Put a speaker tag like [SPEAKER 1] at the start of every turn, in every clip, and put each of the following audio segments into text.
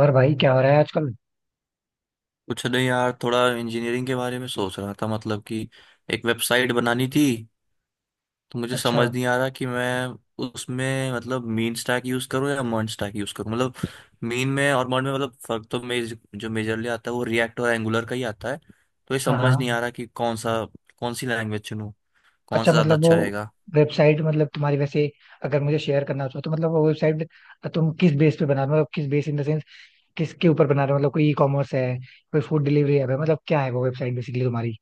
[SPEAKER 1] और भाई क्या हो रहा है आजकल।
[SPEAKER 2] कुछ नहीं यार, थोड़ा इंजीनियरिंग के बारे में सोच रहा था। मतलब कि एक वेबसाइट बनानी थी। तो मुझे
[SPEAKER 1] अच्छा।
[SPEAKER 2] समझ नहीं आ रहा कि मैं उसमें मतलब मीन स्टैक यूज करूँ या मर्ज स्टैक यूज करूँ। मतलब मीन में और मर्ज में, मतलब फर्क तो मेज जो मेजरली आता है वो रिएक्ट और एंगुलर का ही आता है। तो ये
[SPEAKER 1] हाँ हाँ।
[SPEAKER 2] समझ नहीं आ रहा कि कौन सी लैंग्वेज चुनूँ। कौन
[SPEAKER 1] अच्छा
[SPEAKER 2] सा ज्यादा
[SPEAKER 1] मतलब वो
[SPEAKER 2] अच्छा रहेगा?
[SPEAKER 1] वेबसाइट मतलब तुम्हारी वैसे अगर मुझे शेयर करना हो तो मतलब वो वेबसाइट तुम किस बेस पे बना रहे हो मतलब किस बेस इन द सेंस किसके ऊपर बना रहे हो मतलब कोई ई कॉमर्स है कोई फूड डिलीवरी ऐप है मतलब क्या है वो वेबसाइट बेसिकली तुम्हारी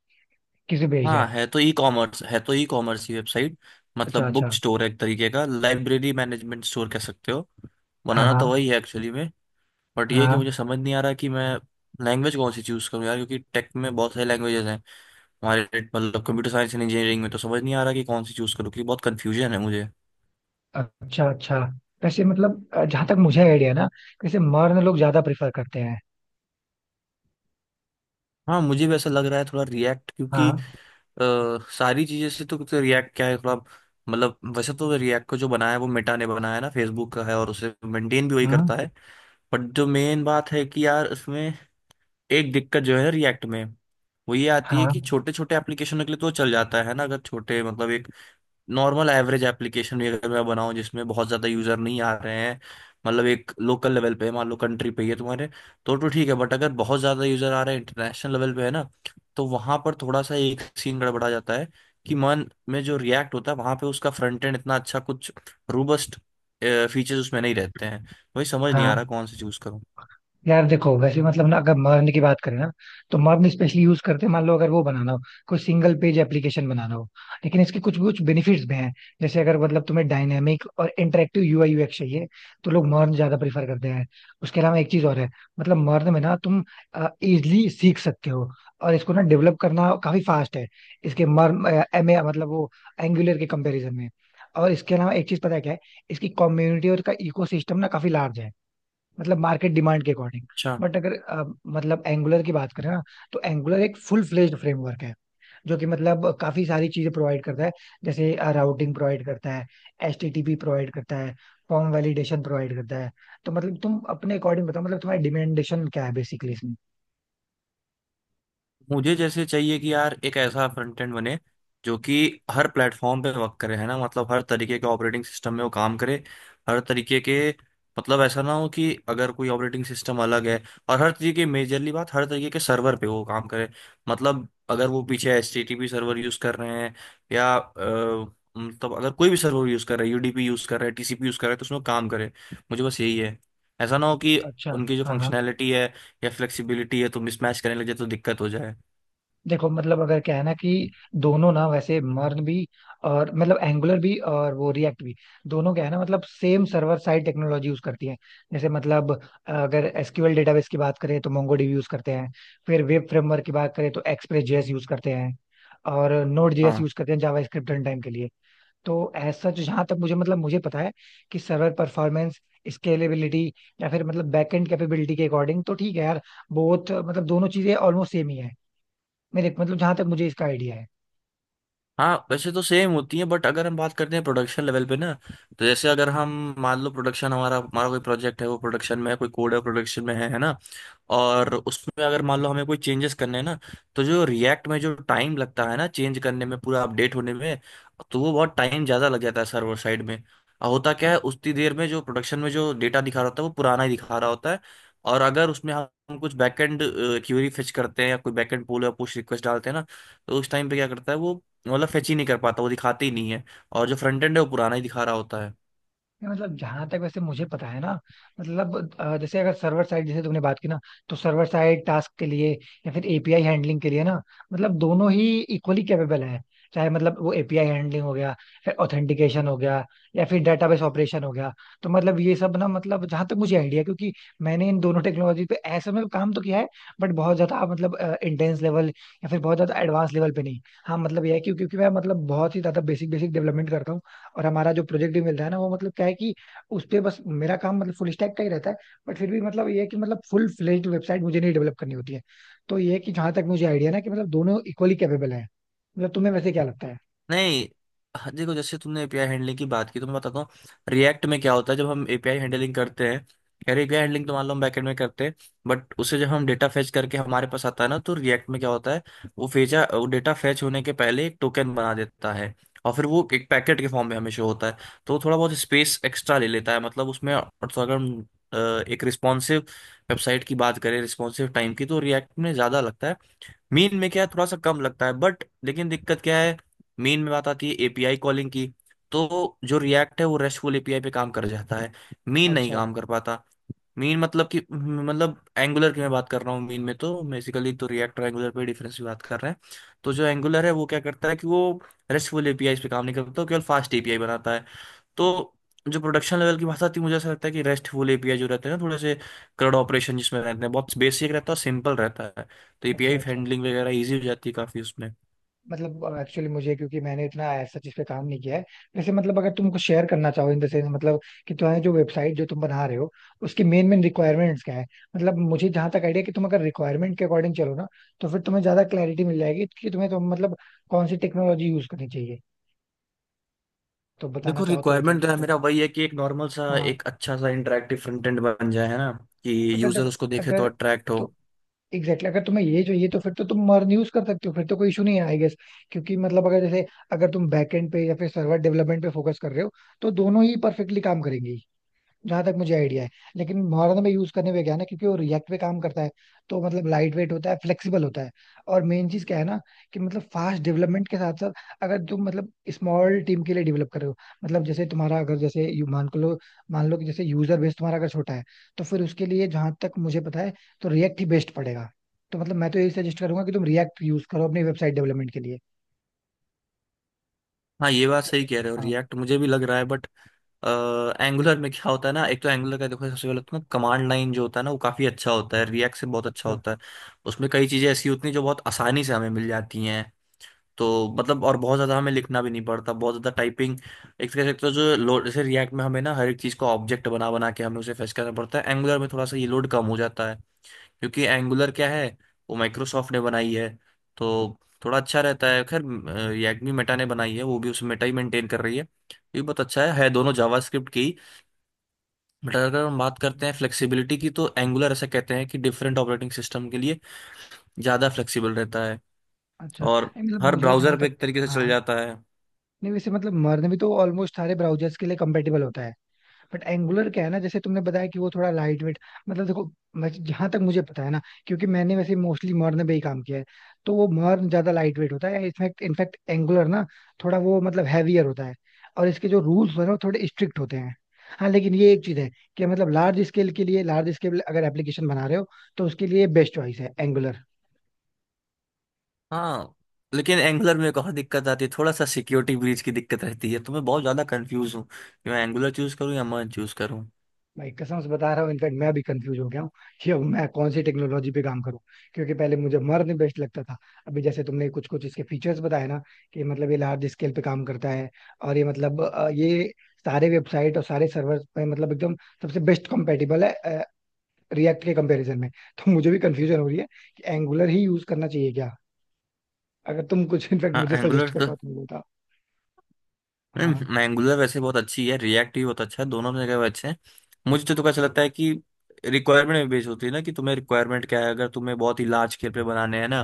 [SPEAKER 1] किस पे बेस्ड है।
[SPEAKER 2] हाँ, है तो ई कॉमर्स, है तो ई कॉमर्स ही वेबसाइट।
[SPEAKER 1] अच्छा
[SPEAKER 2] मतलब बुक
[SPEAKER 1] अच्छा।
[SPEAKER 2] स्टोर है, एक तरीके का लाइब्रेरी मैनेजमेंट स्टोर कह सकते हो।
[SPEAKER 1] हाँ
[SPEAKER 2] बनाना तो वही
[SPEAKER 1] हाँ।
[SPEAKER 2] है एक्चुअली में। बट ये है कि
[SPEAKER 1] हाँ।
[SPEAKER 2] मुझे समझ नहीं आ रहा कि मैं लैंग्वेज कौन सी चूज करूँ यार, क्योंकि टेक में बहुत सारी लैंग्वेजेस हैं हमारे। मतलब कंप्यूटर साइंस एंड इंजीनियरिंग में। तो समझ नहीं आ रहा कि कौन सी चूज करूँ, क्योंकि बहुत कन्फ्यूजन है मुझे।
[SPEAKER 1] अच्छा अच्छा। वैसे मतलब जहाँ तक मुझे आइडिया ना वैसे मर्द लोग ज्यादा प्रेफर करते हैं।
[SPEAKER 2] हाँ, मुझे भी ऐसा लग रहा है थोड़ा रिएक्ट क्योंकि
[SPEAKER 1] हाँ।
[SPEAKER 2] अ, सारी चीजें से तो रिएक्ट क्या है थोड़ा। मतलब वैसे तो रिएक्ट को जो बनाया है वो मेटा ने बनाया है ना, फेसबुक का है और उसे मेंटेन भी वही
[SPEAKER 1] हम्म।
[SPEAKER 2] करता है। बट जो मेन बात है कि यार उसमें एक दिक्कत जो है रिएक्ट में, वो ये आती है
[SPEAKER 1] हाँ
[SPEAKER 2] कि छोटे छोटे एप्लीकेशनों के लिए तो चल जाता है ना, अगर छोटे मतलब एक नॉर्मल एवरेज एप्लीकेशन भी अगर मैं बनाऊं जिसमें बहुत ज़्यादा यूज़र नहीं आ रहे हैं, मतलब एक लोकल लेवल पे मान लो कंट्री पे ही है तुम्हारे, तो ठीक है। बट अगर बहुत ज़्यादा यूज़र आ रहे हैं इंटरनेशनल लेवल पे है ना, तो वहाँ पर थोड़ा सा एक सीन गड़बड़ा जाता है। कि मन में जो रिएक्ट होता है वहाँ पे उसका फ्रंट एंड इतना अच्छा कुछ रोबस्ट फीचर्स उसमें नहीं रहते हैं। वही समझ नहीं
[SPEAKER 1] हाँ।
[SPEAKER 2] आ रहा कौन से चूज़ करूँ।
[SPEAKER 1] यार देखो वैसे मतलब ना अगर मर्न की बात करें ना तो मर्न स्पेशली यूज करते हैं मान लो अगर वो बनाना हो कोई सिंगल पेज एप्लीकेशन बनाना हो। लेकिन इसके कुछ कुछ बेनिफिट्स भी हैं जैसे अगर मतलब तुम्हें डायनेमिक और इंटरेक्टिव यूआई यूएक्स चाहिए तो लोग मर्न ज्यादा प्रीफर करते हैं। उसके अलावा एक चीज और है मतलब मर्न में ना तुम इजिली सीख सकते हो और इसको ना डेवलप करना काफी फास्ट है इसके। मर्न एम ए मतलब वो एंगुलर के कंपैरिजन में। और इसके अलावा एक चीज पता है क्या है इसकी कम्युनिटी और इसका इकोसिस्टम ना काफी लार्ज है मतलब मार्केट डिमांड के अकॉर्डिंग।
[SPEAKER 2] अच्छा,
[SPEAKER 1] बट अगर मतलब एंगुलर की बात करें ना तो एंगुलर एक फुल फ्लेज्ड फ्रेमवर्क है जो कि मतलब काफी सारी चीजें प्रोवाइड करता है, जैसे राउटिंग प्रोवाइड करता है, एचटीटीपी प्रोवाइड करता है, फॉर्म वैलिडेशन प्रोवाइड करता है। तो मतलब तुम अपने अकॉर्डिंग बताओ मतलब तुम्हारी डिमांडेशन क्या है बेसिकली इसमें।
[SPEAKER 2] मुझे जैसे चाहिए कि यार एक ऐसा फ्रंट एंड बने जो कि हर प्लेटफॉर्म पे वर्क करे है ना, मतलब हर तरीके के ऑपरेटिंग सिस्टम में वो काम करे। हर तरीके के, मतलब ऐसा ना हो कि अगर कोई ऑपरेटिंग सिस्टम अलग है, और हर तरीके मेजरली बात, हर तरीके के सर्वर पे वो काम करे। मतलब अगर वो पीछे H T T P server use कर रहे हैं या मतलब अगर कोई भी सर्वर यूज कर रहा है, यूडीपी यूज कर रहा है, टीसीपी यूज कर रहा है, तो उसमें वो काम करे। मुझे बस यही है, ऐसा ना हो कि
[SPEAKER 1] अच्छा।
[SPEAKER 2] उनकी जो
[SPEAKER 1] हाँ हाँ।
[SPEAKER 2] फंक्शनैलिटी है या फ्लेक्सिबिलिटी है तो मिसमैच करने लग जाए तो दिक्कत हो जाए।
[SPEAKER 1] देखो मतलब अगर क्या है ना कि दोनों ना वैसे मर्न भी और मतलब एंगुलर भी और वो रिएक्ट भी दोनों क्या है ना मतलब same server side technology use करती है। जैसे मतलब अगर एसक्यूएल डेटाबेस की बात करें तो मोंगोडीबी यूज करते हैं, फिर वेब फ्रेमवर्क की बात करें तो एक्सप्रेस जेएस यूज करते हैं, और नोड जेएस
[SPEAKER 2] हाँ,
[SPEAKER 1] यूज करते हैं जावास्क्रिप्ट रन टाइम के लिए। तो ऐसा जो जहां तक मुझे मतलब मुझे पता है कि सर्वर परफॉर्मेंस, स्केलेबिलिटी, या फिर मतलब बैकएंड कैपेबिलिटी के अकॉर्डिंग तो ठीक है यार। बोथ मतलब दोनों चीजें ऑलमोस्ट सेम ही है मेरे मतलब जहां तक मुझे इसका आइडिया है।
[SPEAKER 2] हाँ वैसे तो सेम होती है, बट अगर हम बात करते हैं प्रोडक्शन लेवल पे ना, तो जैसे अगर हम मान लो प्रोडक्शन हमारा हमारा कोई प्रोजेक्ट है, वो प्रोडक्शन में है, कोई कोड है प्रोडक्शन में है ना। और उसमें अगर मान लो हमें कोई चेंजेस करने हैं ना, तो जो रिएक्ट में जो टाइम लगता है ना चेंज करने में, पूरा अपडेट होने में, तो वो बहुत टाइम ज़्यादा लग जाता है सर्वर साइड में। और होता क्या है, उतनी देर में जो प्रोडक्शन में जो डेटा दिखा रहा होता है वो पुराना ही दिखा रहा होता है। और अगर उसमें हम कुछ बैकएंड क्यूरी फेच करते हैं या कोई बैकएंड पुल या पुश रिक्वेस्ट डालते हैं ना, तो उस टाइम पे क्या करता है वो, मतलब फेच ही नहीं कर पाता, वो दिखाते ही नहीं है। और जो फ्रंट एंड है वो पुराना ही दिखा रहा होता है।
[SPEAKER 1] नहीं, मतलब जहां तक वैसे मुझे पता है ना मतलब जैसे अगर सर्वर साइड जैसे तुमने बात की ना तो सर्वर साइड टास्क के लिए या फिर एपीआई हैंडलिंग के लिए ना मतलब दोनों ही इक्वली कैपेबल है। चाहे मतलब वो एपीआई हैंडलिंग हो गया, फिर ऑथेंटिकेशन हो गया, या फिर डेटाबेस ऑपरेशन हो गया। तो मतलब ये सब ना मतलब जहां तक मुझे आइडिया है क्योंकि मैंने इन दोनों टेक्नोलॉजी पे ऐसे में काम तो किया है बट बहुत ज्यादा मतलब इंटेंस लेवल या फिर बहुत ज्यादा एडवांस लेवल पे नहीं। हाँ मतलब यह है कि क्योंकि मैं मतलब बहुत ही ज्यादा बेसिक बेसिक डेवलपमेंट करता हूँ, और हमारा जो प्रोजेक्ट भी मिलता है ना वो मतलब क्या है कि उस पे बस मेरा काम मतलब फुल स्टैक का ही रहता है। बट फिर भी मतलब ये है कि मतलब फुल फ्लेज्ड वेबसाइट मुझे नहीं डेवलप करनी होती है। तो ये है कि जहां तक मुझे आइडिया ना कि मतलब दोनों इक्वली कैपेबल है। मतलब तुम्हें वैसे क्या लगता है?
[SPEAKER 2] नहीं। हाँ, देखो जैसे तुमने एपीआई हैंडलिंग की बात की तो मैं बताता हूँ, रिएक्ट में क्या होता है जब हम एपीआई हैंडलिंग करते हैं। यार एपीआई हैंडलिंग तो मान लो हम बैकएंड में करते हैं, बट उसे जब हम डेटा फैच करके हमारे पास आता है ना, तो रिएक्ट में क्या होता है, वो डेटा फैच होने के पहले एक टोकन बना देता है और फिर वो एक पैकेट के फॉर्म में हमेशा होता है। तो वो थोड़ा बहुत स्पेस एक्स्ट्रा ले लेता है मतलब उसमें। और तो अगर हम अ, एक रिस्पॉन्सिव वेबसाइट की बात करें, रिस्पॉन्सिव टाइम की, तो रिएक्ट में ज़्यादा लगता है। मीन में क्या है थोड़ा सा कम लगता है, बट लेकिन दिक्कत क्या है, मीन में बात आती है एपीआई कॉलिंग की। तो जो रिएक्ट है वो रेस्टफुल एपीआई पे काम कर जाता है, मीन नहीं
[SPEAKER 1] अच्छा
[SPEAKER 2] काम कर पाता। मीन मतलब कि मतलब एंगुलर की मैं बात कर रहा हूँ, मीन में तो बेसिकली तो रिएक्ट और एंगुलर पे डिफरेंस की बात कर रहे हैं। तो जो एंगुलर है वो क्या करता है कि वो रेस्टफुल एपीआई पे काम नहीं करता, वो केवल फास्ट एपीआई बनाता है। तो जो प्रोडक्शन लेवल की भाषा थी, मुझे ऐसा लगता है कि रेस्टफुल एपीआई जो रहते हैं ना, थोड़े से क्रड ऑपरेशन जिसमें रहते हैं, बहुत बेसिक रहता है और सिंपल रहता है। तो
[SPEAKER 1] अच्छा।
[SPEAKER 2] एपीआई
[SPEAKER 1] अच्छा
[SPEAKER 2] हैंडलिंग वगैरह ईजी हो जाती है काफी उसमें।
[SPEAKER 1] मतलब एक्चुअली मुझे क्योंकि मैंने इतना ऐसा चीज पे काम नहीं किया है। वैसे मतलब अगर तुमको शेयर करना चाहो इन द सेंस मतलब कि तुम्हारी जो वेबसाइट जो तुम बना रहे हो उसकी मेन मेन रिक्वायरमेंट्स क्या है। मतलब मुझे जहां तक आइडिया कि तुम अगर रिक्वायरमेंट के अकॉर्डिंग चलो ना तो फिर तुम्हें ज्यादा क्लैरिटी मिल जाएगी कि तुम्हें तो मतलब कौन सी टेक्नोलॉजी यूज करनी चाहिए। तो बताना
[SPEAKER 2] देखो
[SPEAKER 1] चाहो तो बता
[SPEAKER 2] रिक्वायरमेंट है
[SPEAKER 1] सकते हो।
[SPEAKER 2] मेरा वही है कि एक नॉर्मल सा
[SPEAKER 1] हाँ।
[SPEAKER 2] एक अच्छा सा इंटरेक्टिव फ्रंट एंड बन जाए है ना, कि
[SPEAKER 1] अगर
[SPEAKER 2] यूजर
[SPEAKER 1] देखो
[SPEAKER 2] उसको देखे तो
[SPEAKER 1] अगर
[SPEAKER 2] अट्रैक्ट हो।
[SPEAKER 1] तो एग्जैक्टली exactly, अगर तुम्हें ये चाहिए तो फिर तो तुम मर्न यूज कर सकते हो फिर तो कोई इशू नहीं है आई गेस। क्योंकि मतलब अगर जैसे अगर तुम बैकएंड पे या फिर सर्वर डेवलपमेंट पे फोकस कर रहे हो तो दोनों ही परफेक्टली काम करेंगी, जहां तक मुझे आइडिया है। लेकिन मोहाना में यूज करने में क्या है ना क्योंकि वो रिएक्ट पे काम करता है तो मतलब लाइट वेट होता है, फ्लेक्सिबल होता है। और मेन चीज क्या है ना कि मतलब फास्ट डेवलपमेंट के साथ साथ अगर तुम मतलब स्मॉल टीम के लिए डेवलप कर रहे हो मतलब जैसे तुम्हारा अगर जैसे मान को लो मान लो कि जैसे यूजर बेस तुम्हारा अगर छोटा है तो फिर उसके लिए जहां तक मुझे पता है तो रिएक्ट ही बेस्ट पड़ेगा। तो मतलब मैं तो यही सजेस्ट करूंगा कि तुम रिएक्ट यूज करो अपनी वेबसाइट डेवलपमेंट के लिए।
[SPEAKER 2] हाँ, ये बात सही कह रहे हो,
[SPEAKER 1] हाँ।
[SPEAKER 2] रिएक्ट मुझे भी लग रहा है, बट एंगुलर में क्या होता है ना, एक तो एंगुलर का देखो सबसे पहले तो ना कमांड लाइन जो होता है ना वो काफी अच्छा होता है, रिएक्ट से बहुत अच्छा
[SPEAKER 1] अच्छा
[SPEAKER 2] होता है। उसमें कई चीजें ऐसी होती हैं जो बहुत आसानी से हमें मिल जाती हैं। तो मतलब और बहुत ज्यादा हमें लिखना भी नहीं पड़ता, बहुत ज्यादा टाइपिंग एक तरह से। एक तो जो लोड जैसे रिएक्ट में हमें ना हर एक चीज को ऑब्जेक्ट बना बना के हमें उसे फेस करना पड़ता है, एंगुलर में थोड़ा सा ये लोड कम हो जाता है क्योंकि एंगुलर क्या है वो माइक्रोसॉफ्ट ने बनाई है तो थोड़ा अच्छा रहता है। खैर यग्मी मेटा ने बनाई है, वो भी उस मेटा ही मेंटेन कर रही है। ये बहुत अच्छा है दोनों जावास्क्रिप्ट की। बट अगर हम बात करते हैं फ्लेक्सिबिलिटी की, तो एंगुलर ऐसा कहते हैं कि डिफरेंट ऑपरेटिंग सिस्टम के लिए ज़्यादा फ्लेक्सिबल रहता है,
[SPEAKER 1] अच्छा।
[SPEAKER 2] और
[SPEAKER 1] नहीं, मतलब
[SPEAKER 2] हर
[SPEAKER 1] मुझे जहां
[SPEAKER 2] ब्राउज़र पे
[SPEAKER 1] तक।
[SPEAKER 2] एक तरीके से चल
[SPEAKER 1] हाँ।
[SPEAKER 2] जाता है।
[SPEAKER 1] नहीं वैसे मतलब मर्न भी तो ऑलमोस्ट सारे ब्राउजर्स के लिए कंपेटेबल होता है। बट एंगुलर क्या है ना जैसे तुमने बताया कि वो थोड़ा लाइट वेट मतलब देखो मैं जहां तक मुझे पता है ना क्योंकि मैंने वैसे मोस्टली मर्न पे ही काम किया है तो वो मर्न ज्यादा लाइट वेट होता है। इनफैक्ट इनफैक्ट एंगुलर ना थोड़ा वो मतलब हैवियर होता है और इसके जो रूल्स हैं वो थोड़े स्ट्रिक्ट होते हैं। हाँ लेकिन ये एक चीज है कि मतलब लार्ज स्केल के लिए लार्ज स्केल अगर एप्लीकेशन बना रहे हो तो उसके लिए बेस्ट चॉइस है एंगुलर।
[SPEAKER 2] हाँ, लेकिन एंगुलर में एक और दिक्कत आती है, थोड़ा सा सिक्योरिटी ब्रीच की दिक्कत रहती है। तो मैं बहुत ज़्यादा कंफ्यूज हूँ कि मैं एंगुलर चूज़ करूँ या मर्ज चूज़ करूँ।
[SPEAKER 1] भाई कसम से बता रहा हूँ। इनफैक्ट मैं भी कंफ्यूज हो गया हूँ कि अब मैं कौन सी टेक्नोलॉजी पे काम करूँ क्योंकि पहले मुझे मर्न बेस्ट लगता था। अभी जैसे तुमने कुछ कुछ इसके फीचर्स बताए ना कि मतलब ये लार्ज स्केल पे काम करता है और ये मतलब ये सारे वेबसाइट और सारे सर्वर पे मतलब एकदम सबसे बेस्ट कंपेटेबल है रिएक्ट के कंपैरिजन में। तो मुझे भी कंफ्यूजन हो रही है कि एंगुलर ही यूज करना चाहिए क्या। अगर तुम कुछ इनफैक्ट
[SPEAKER 2] हाँ
[SPEAKER 1] मुझे सजेस्ट
[SPEAKER 2] एंगुलर,
[SPEAKER 1] कर पाओ तो मुझे बताओ। हाँ।
[SPEAKER 2] नहीं एंगुलर वैसे बहुत अच्छी है, रिएक्ट भी बहुत अच्छा है, दोनों जगह वो अच्छे हैं। मुझे तो ऐसा लगता है कि रिक्वायरमेंट में बेस होती है ना, कि तुम्हें रिक्वायरमेंट क्या है, अगर तुम्हें बहुत ही लार्ज स्केल पे बनाने हैं ना,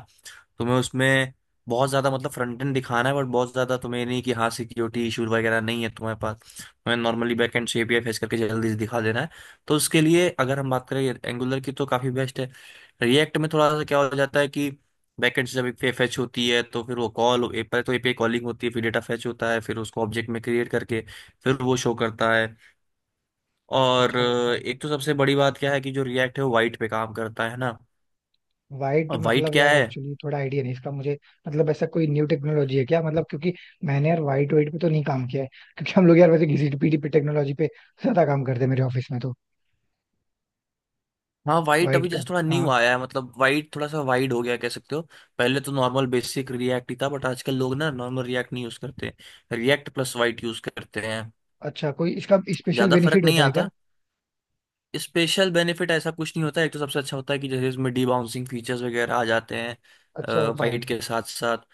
[SPEAKER 2] तुम्हें उसमें बहुत ज्यादा मतलब फ्रंट एंड दिखाना है, बट बहुत ज्यादा तुम्हें नहीं कि हाँ सिक्योरिटी इशू वगैरह नहीं है तुम्हारे पास, तुम्हें नॉर्मली बैक एंड से एपीआई फेस करके जल्दी से दिखा देना है, तो उसके लिए अगर हम बात करें एंगुलर की तो काफी बेस्ट है। रिएक्ट में थोड़ा सा क्या हो जाता है कि बैकेंड से जब एक फेच होती है तो फिर वो कॉल पहले तो एपीआई कॉलिंग होती है, फिर डेटा फेच होता है, फिर उसको ऑब्जेक्ट में क्रिएट करके फिर वो शो करता है। और
[SPEAKER 1] अच्छा अच्छा।
[SPEAKER 2] एक तो सबसे बड़ी बात क्या है कि जो रिएक्ट है वो वाइट पे काम करता है ना।
[SPEAKER 1] वाइट
[SPEAKER 2] और वाइट
[SPEAKER 1] मतलब
[SPEAKER 2] क्या
[SPEAKER 1] यार
[SPEAKER 2] है।
[SPEAKER 1] एक्चुअली थोड़ा आइडिया नहीं इसका मुझे। मतलब ऐसा कोई न्यू टेक्नोलॉजी है क्या मतलब क्योंकि मैंने यार वाइट वाइट पे तो नहीं काम किया है क्योंकि हम लोग यार वैसे घिसी पीटी पे टेक्नोलॉजी पे ज्यादा काम करते हैं मेरे ऑफिस में तो।
[SPEAKER 2] हाँ, वाइट
[SPEAKER 1] वाइट
[SPEAKER 2] अभी जैसे
[SPEAKER 1] का।
[SPEAKER 2] थोड़ा न्यू
[SPEAKER 1] हाँ।
[SPEAKER 2] आया है, मतलब वाइट थोड़ा सा वाइड हो गया कह सकते हो। पहले तो नॉर्मल बेसिक रिएक्ट ही था, बट आजकल लोग ना नॉर्मल रिएक्ट नहीं यूज करते, रिएक्ट प्लस वाइट यूज करते हैं।
[SPEAKER 1] अच्छा कोई इसका स्पेशल
[SPEAKER 2] ज्यादा फर्क
[SPEAKER 1] बेनिफिट
[SPEAKER 2] नहीं
[SPEAKER 1] होता है
[SPEAKER 2] आता,
[SPEAKER 1] क्या?
[SPEAKER 2] स्पेशल बेनिफिट ऐसा कुछ नहीं होता है। एक तो सबसे अच्छा होता है कि जैसे इसमें डी बाउंसिंग फीचर्स वगैरह आ जाते हैं
[SPEAKER 1] अच्छा अच्छा।
[SPEAKER 2] वाइट के साथ साथ,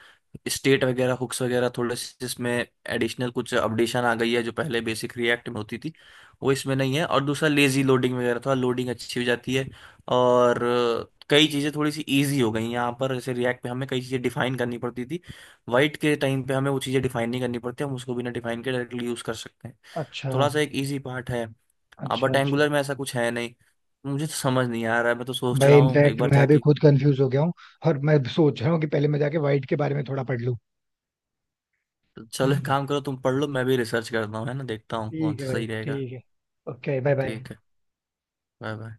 [SPEAKER 2] स्टेट वगैरह हुक्स वगैरह थोड़े से इसमें एडिशनल कुछ अपडेशन आ गई है जो पहले बेसिक रिएक्ट में होती थी वो इसमें नहीं है। और दूसरा लेजी लोडिंग वगैरह थोड़ा लोडिंग अच्छी हो जाती है। और कई चीज़ें थोड़ी सी इजी हो गई हैं यहाँ पर, जैसे रिएक्ट पे हमें कई चीज़ें डिफाइन करनी पड़ती थी, वाइट के टाइम पे हमें वो चीज़ें डिफाइन नहीं करनी पड़ती, हम उसको बिना डिफाइन के डायरेक्टली यूज़ कर सकते हैं।
[SPEAKER 1] अच्छा
[SPEAKER 2] थोड़ा सा एक इजी पार्ट है। अब
[SPEAKER 1] अच्छा।
[SPEAKER 2] बट
[SPEAKER 1] अच्छा।
[SPEAKER 2] एंगुलर में ऐसा कुछ है नहीं। मुझे तो समझ नहीं आ रहा है, मैं तो सोच
[SPEAKER 1] भाई
[SPEAKER 2] रहा हूँ एक
[SPEAKER 1] इनफैक्ट
[SPEAKER 2] बार
[SPEAKER 1] मैं भी
[SPEAKER 2] जाके।
[SPEAKER 1] खुद कंफ्यूज हो गया हूँ और मैं सोच रहा हूँ कि पहले मैं जाके वाइट के बारे में थोड़ा पढ़ लूँ।
[SPEAKER 2] चलो एक
[SPEAKER 1] हम्म,
[SPEAKER 2] काम करो, तुम पढ़ लो, मैं भी रिसर्च करता हूँ है ना, देखता हूँ कौन
[SPEAKER 1] ठीक है
[SPEAKER 2] सा
[SPEAKER 1] भाई
[SPEAKER 2] सही रहेगा।
[SPEAKER 1] ठीक है। Okay bye bye.
[SPEAKER 2] ठीक है। Bye bye.